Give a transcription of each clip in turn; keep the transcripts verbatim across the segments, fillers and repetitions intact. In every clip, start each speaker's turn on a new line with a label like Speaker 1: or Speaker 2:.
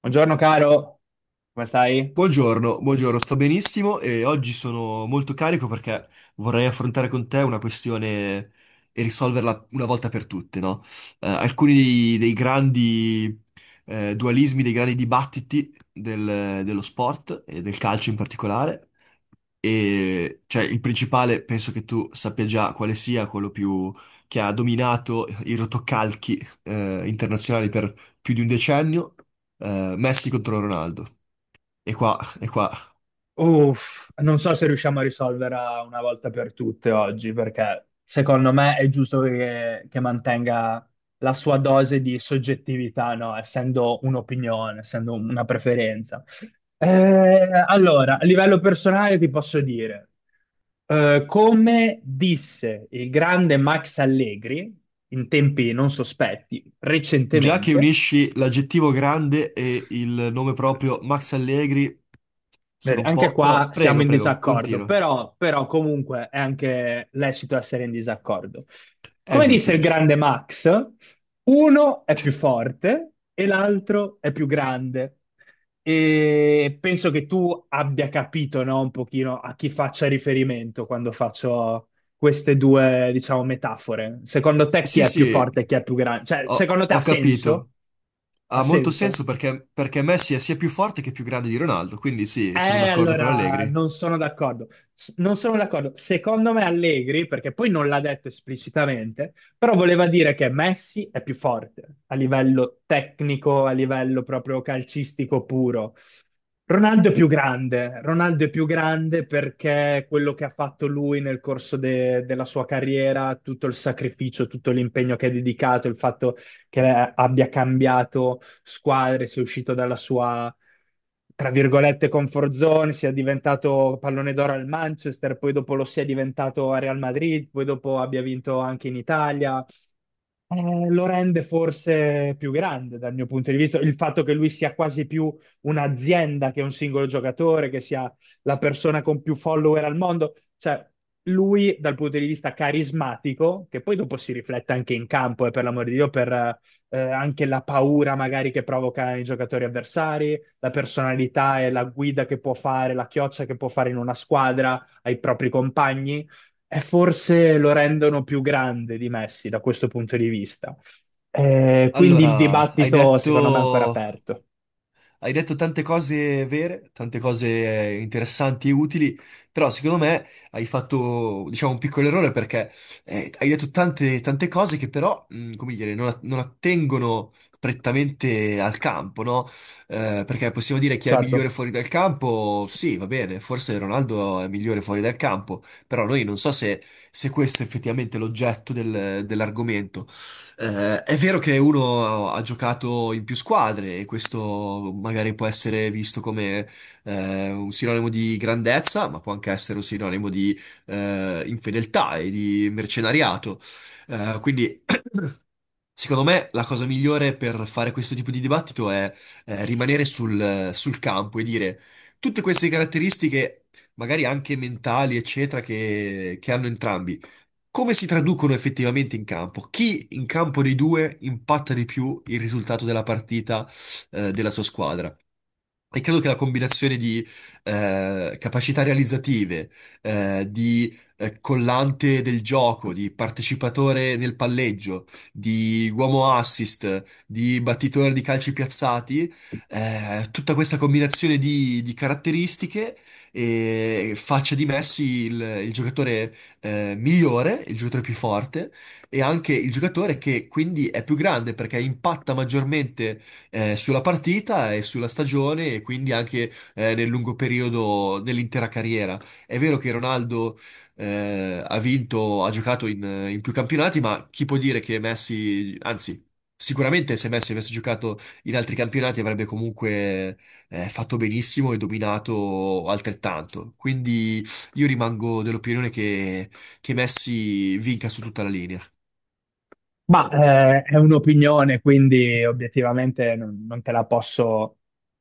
Speaker 1: Buongiorno caro, come stai?
Speaker 2: Buongiorno, buongiorno, sto benissimo e oggi sono molto carico perché vorrei affrontare con te una questione e risolverla una volta per tutte, no? Eh, alcuni dei, dei grandi eh, dualismi, dei grandi dibattiti del- dello sport e del calcio in particolare. E cioè, il principale penso che tu sappia già quale sia quello più che ha dominato i rotocalchi eh, internazionali per più di un decennio, eh, Messi contro Ronaldo. E qua, e qua
Speaker 1: Uff, non so se riusciamo a risolverla una volta per tutte oggi, perché secondo me è giusto che, che mantenga la sua dose di soggettività, no? Essendo un'opinione, essendo una preferenza. Eh, allora, a livello personale ti posso dire, eh, come disse il grande Max Allegri in tempi non sospetti
Speaker 2: Già che
Speaker 1: recentemente.
Speaker 2: unisci l'aggettivo grande e il nome proprio Max Allegri,
Speaker 1: Vedi,
Speaker 2: sono un
Speaker 1: anche
Speaker 2: po'... Però
Speaker 1: qua siamo
Speaker 2: prego,
Speaker 1: in
Speaker 2: prego,
Speaker 1: disaccordo,
Speaker 2: continua.
Speaker 1: però, però comunque è anche lecito essere in disaccordo.
Speaker 2: È
Speaker 1: Come
Speaker 2: giusto,
Speaker 1: disse il
Speaker 2: giusto.
Speaker 1: grande Max, uno è più forte e l'altro è più grande. E penso che tu abbia capito, no, un pochino a chi faccia riferimento quando faccio queste due, diciamo, metafore. Secondo te chi
Speaker 2: Sì,
Speaker 1: è più
Speaker 2: sì,
Speaker 1: forte e chi è più grande? Cioè,
Speaker 2: ho,
Speaker 1: secondo te ha
Speaker 2: ho
Speaker 1: senso?
Speaker 2: capito.
Speaker 1: Ha
Speaker 2: Ha molto
Speaker 1: senso?
Speaker 2: senso perché, perché Messi è sia più forte che più grande di Ronaldo, quindi sì,
Speaker 1: Eh,
Speaker 2: sono d'accordo con
Speaker 1: allora,
Speaker 2: Allegri.
Speaker 1: non sono d'accordo. S- Non sono d'accordo. Secondo me Allegri, perché poi non l'ha detto esplicitamente, però voleva dire che Messi è più forte a livello tecnico, a livello proprio calcistico puro. Ronaldo è più grande. Ronaldo è più grande perché quello che ha fatto lui nel corso de- della sua carriera, tutto il sacrificio, tutto l'impegno che ha dedicato, il fatto che abbia cambiato squadre, sia uscito dalla sua, tra virgolette, comfort zone, sia diventato pallone d'oro al Manchester, poi dopo lo sia diventato a Real Madrid, poi dopo abbia vinto anche in Italia. Eh, lo rende forse più grande dal mio punto di vista, il fatto che lui sia quasi più un'azienda che un singolo giocatore, che sia la persona con più follower al mondo, cioè lui dal punto di vista carismatico, che poi dopo si riflette anche in campo, e per l'amor di Dio, per, eh, eh, anche la paura magari che provoca i giocatori avversari, la personalità e la guida che può fare, la chioccia che può fare in una squadra ai propri compagni, e forse lo rendono più grande di Messi da questo punto di vista. Eh, quindi il
Speaker 2: Allora, hai
Speaker 1: dibattito secondo me è ancora
Speaker 2: detto...
Speaker 1: aperto.
Speaker 2: Hai detto tante cose vere, tante cose interessanti e utili, però secondo me hai fatto, diciamo, un piccolo errore perché eh, hai detto tante, tante cose che però, mh, come dire, non, a- non attengono prettamente al campo, no? Eh, perché possiamo dire chi è
Speaker 1: Certo.
Speaker 2: migliore fuori dal campo, sì, va bene, forse Ronaldo è migliore fuori dal campo, però noi non so se, se questo è effettivamente l'oggetto del- dell'argomento. Eh, è vero che uno ha giocato in più squadre e questo magari può essere visto come eh, un sinonimo di grandezza, ma può anche essere un sinonimo di eh, infedeltà e di mercenariato. Eh, quindi, secondo me, la cosa migliore per fare questo tipo di dibattito è eh, rimanere sul, sul campo e dire tutte queste caratteristiche, magari anche mentali, eccetera, che che hanno entrambi. Come si traducono effettivamente in campo? Chi in campo dei due impatta di più il risultato della partita, eh, della sua squadra? E credo che la combinazione di eh, capacità realizzative, eh, di eh, collante del gioco, di partecipatore nel palleggio, di uomo assist, di battitore di calci piazzati, eh, tutta questa combinazione di, di caratteristiche eh, faccia di Messi il, il giocatore eh, migliore, il giocatore più forte e anche il giocatore che quindi è più grande perché impatta maggiormente eh, sulla partita e sulla stagione e quindi anche eh, nel lungo periodo dell'intera carriera. È vero che Ronaldo eh, ha vinto, ha giocato in, in più campionati, ma chi può dire che Messi, anzi, sicuramente se Messi avesse giocato in altri campionati avrebbe comunque eh, fatto benissimo e dominato altrettanto. Quindi io rimango dell'opinione che, che Messi vinca su tutta la linea.
Speaker 1: Ma eh, è un'opinione, quindi obiettivamente non, non te la posso,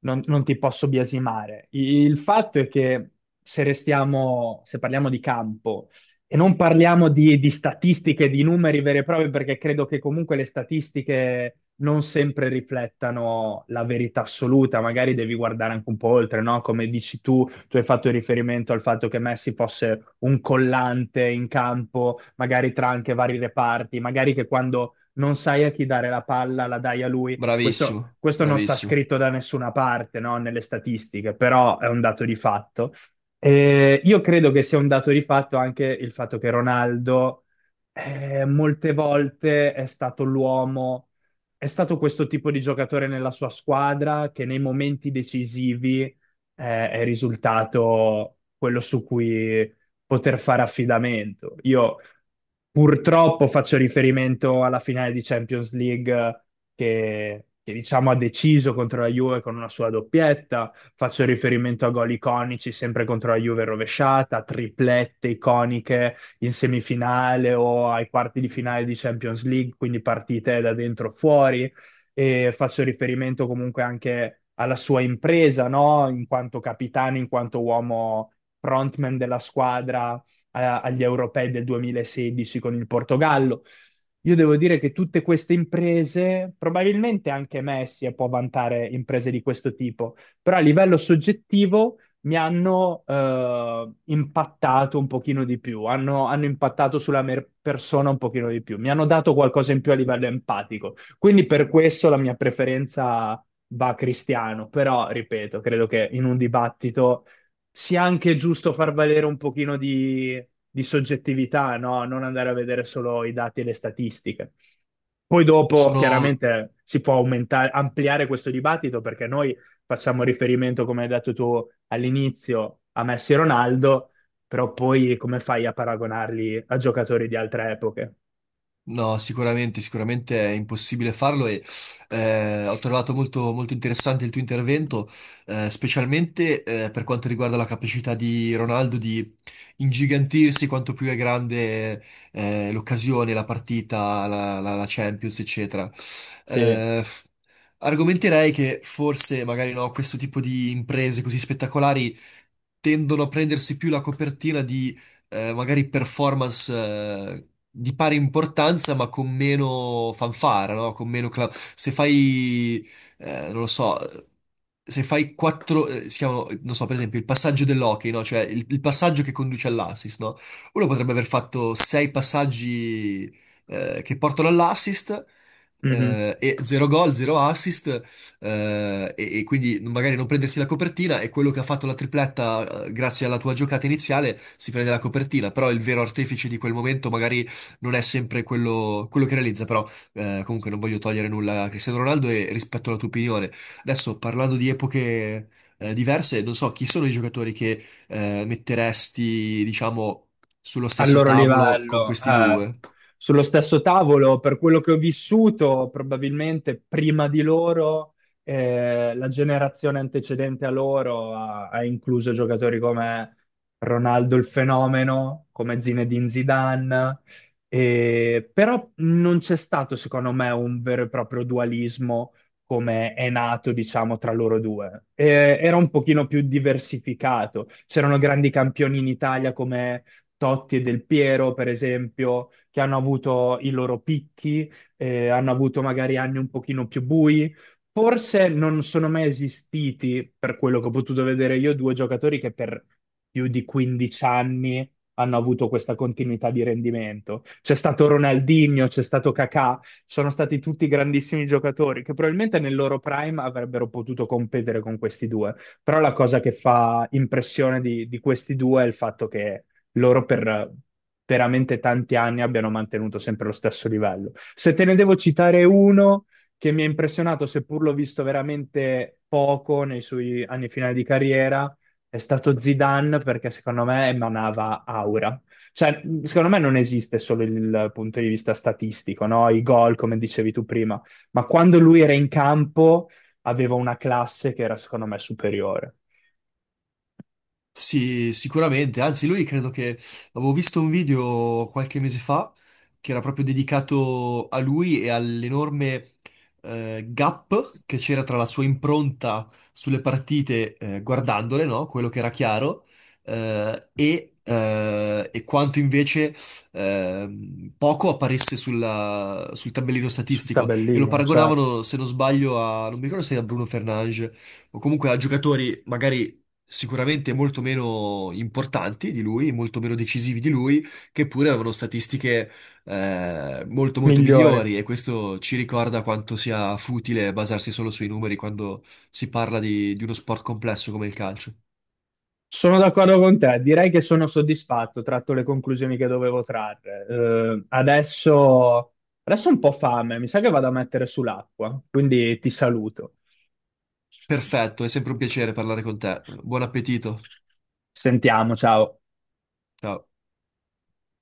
Speaker 1: non, non ti posso biasimare. I- Il fatto è che se restiamo, se parliamo di campo e non parliamo di, di statistiche, di numeri veri e propri, perché credo che comunque le statistiche non sempre riflettano la verità assoluta, magari devi guardare anche un po' oltre, no? Come dici tu, tu hai fatto riferimento al fatto che Messi fosse un collante in campo, magari tra anche vari reparti, magari che quando non sai a chi dare la palla la dai a lui. Questo,
Speaker 2: Bravissimo,
Speaker 1: questo non sta
Speaker 2: bravissimo.
Speaker 1: scritto da nessuna parte, no? Nelle statistiche, però è un dato di fatto. Eh, io credo che sia un dato di fatto anche il fatto che Ronaldo eh, molte volte è stato l'uomo, è stato questo tipo di giocatore nella sua squadra che nei momenti decisivi è, è risultato quello su cui poter fare affidamento. Io purtroppo faccio riferimento alla finale di Champions League che, che, diciamo ha deciso contro la Juve con una sua doppietta, faccio riferimento a gol iconici sempre contro la Juve rovesciata, triplette iconiche in semifinale o ai quarti di finale di Champions League, quindi partite da dentro fuori e faccio riferimento comunque anche alla sua impresa, no? In quanto capitano, in quanto uomo frontman della squadra eh, agli europei del duemilasedici con il Portogallo. Io devo dire che tutte queste imprese, probabilmente anche Messi eh, può vantare imprese di questo tipo, però a livello soggettivo mi hanno eh, impattato un pochino di più, hanno, hanno impattato sulla mia persona un pochino di più, mi hanno dato qualcosa in più a livello empatico. Quindi per questo la mia preferenza va a Cristiano, però ripeto, credo che in un dibattito sia anche giusto far valere un pochino di, di soggettività, no? Non andare a vedere solo i dati e le statistiche. Poi dopo
Speaker 2: Sono...
Speaker 1: chiaramente si può aumentare, ampliare questo dibattito perché noi facciamo riferimento, come hai detto tu all'inizio, a Messi e Ronaldo, però poi come fai a paragonarli a giocatori di altre epoche?
Speaker 2: No, sicuramente, sicuramente è impossibile farlo e eh, ho trovato molto, molto interessante il tuo intervento, eh, specialmente eh, per quanto riguarda la capacità di Ronaldo di ingigantirsi quanto più è grande eh, l'occasione, la partita, la, la- la Champions, eccetera.
Speaker 1: Sì.
Speaker 2: Eh, Argomenterei che forse, magari no, questo tipo di imprese così spettacolari tendono a prendersi più la copertina eh, magari performance eh, di pari importanza, ma con meno fanfara, no? Con meno cla- Se fai, eh, non lo so, se fai quattro, eh, si chiamano, non so, per esempio, il passaggio dell'hockey, no? Cioè il, il passaggio che conduce all'assist, no? Uno potrebbe aver fatto sei passaggi eh, che portano all'assist
Speaker 1: Mhm.
Speaker 2: eh, e zero gol, zero assist eh, e, e quindi magari non prendersi la copertina e quello che ha fatto la tripletta, eh, grazie alla tua giocata iniziale, si prende la copertina, però il vero artefice di quel momento magari non è sempre quello, quello che realizza, però eh, comunque non voglio togliere nulla a Cristiano Ronaldo e rispetto alla tua opinione. Adesso parlando di epoche eh, diverse, non so chi sono i giocatori che eh, metteresti, diciamo, sullo
Speaker 1: Al
Speaker 2: stesso
Speaker 1: loro
Speaker 2: tavolo con
Speaker 1: livello.
Speaker 2: questi
Speaker 1: Eh,
Speaker 2: due.
Speaker 1: sullo stesso tavolo, per quello che ho vissuto, probabilmente prima di loro, eh, la generazione antecedente a loro ha, ha incluso giocatori come Ronaldo il fenomeno, come Zinedine Zidane, eh, però non c'è stato, secondo me, un vero e proprio dualismo come è nato, diciamo, tra loro due. Eh, era un pochino più diversificato. C'erano grandi campioni in Italia come Totti e Del Piero, per esempio, che hanno avuto i loro picchi, eh, hanno avuto magari anni un pochino più bui. Forse non sono mai esistiti, per quello che ho potuto vedere io, due giocatori che per più di quindici anni hanno avuto questa continuità di rendimento. C'è stato Ronaldinho, c'è stato Kakà, sono stati tutti grandissimi giocatori che probabilmente nel loro prime avrebbero potuto competere con questi due. Però la cosa che fa impressione di, di questi due è il fatto che loro per veramente tanti anni abbiano mantenuto sempre lo stesso livello. Se te ne devo citare uno che mi ha impressionato, seppur l'ho visto veramente poco nei suoi anni finali di carriera, è stato Zidane perché secondo me emanava aura. Cioè, secondo me non esiste solo il punto di vista statistico, no? I gol, come dicevi tu prima, ma quando lui era in campo aveva una classe che era secondo me superiore.
Speaker 2: Sì, sicuramente, anzi lui credo che avevo visto un video qualche mese fa che era proprio dedicato a lui e all'enorme eh, gap che c'era tra la sua impronta sulle partite eh, guardandole, no? Quello che era chiaro, eh, e, eh, e quanto invece ehm, poco apparisse sulla- sul tabellino
Speaker 1: Sul
Speaker 2: statistico e lo
Speaker 1: tabellino, certo,
Speaker 2: paragonavano, se non sbaglio, a, non mi ricordo se era Bruno Fernanges o comunque a giocatori magari sicuramente molto meno importanti di lui, molto meno decisivi di lui, che pure avevano statistiche eh, molto molto
Speaker 1: migliore.
Speaker 2: migliori e questo ci ricorda quanto sia futile basarsi solo sui numeri quando si parla di, di uno sport complesso come il calcio.
Speaker 1: Sono d'accordo con te, direi che sono soddisfatto, tratto le conclusioni che dovevo trarre. Eh, adesso, adesso ho un po' fame, mi sa che vado a mettere sull'acqua, quindi ti saluto.
Speaker 2: Perfetto, è sempre un piacere parlare con te. Buon appetito.
Speaker 1: Ci sentiamo, ciao.
Speaker 2: Ciao.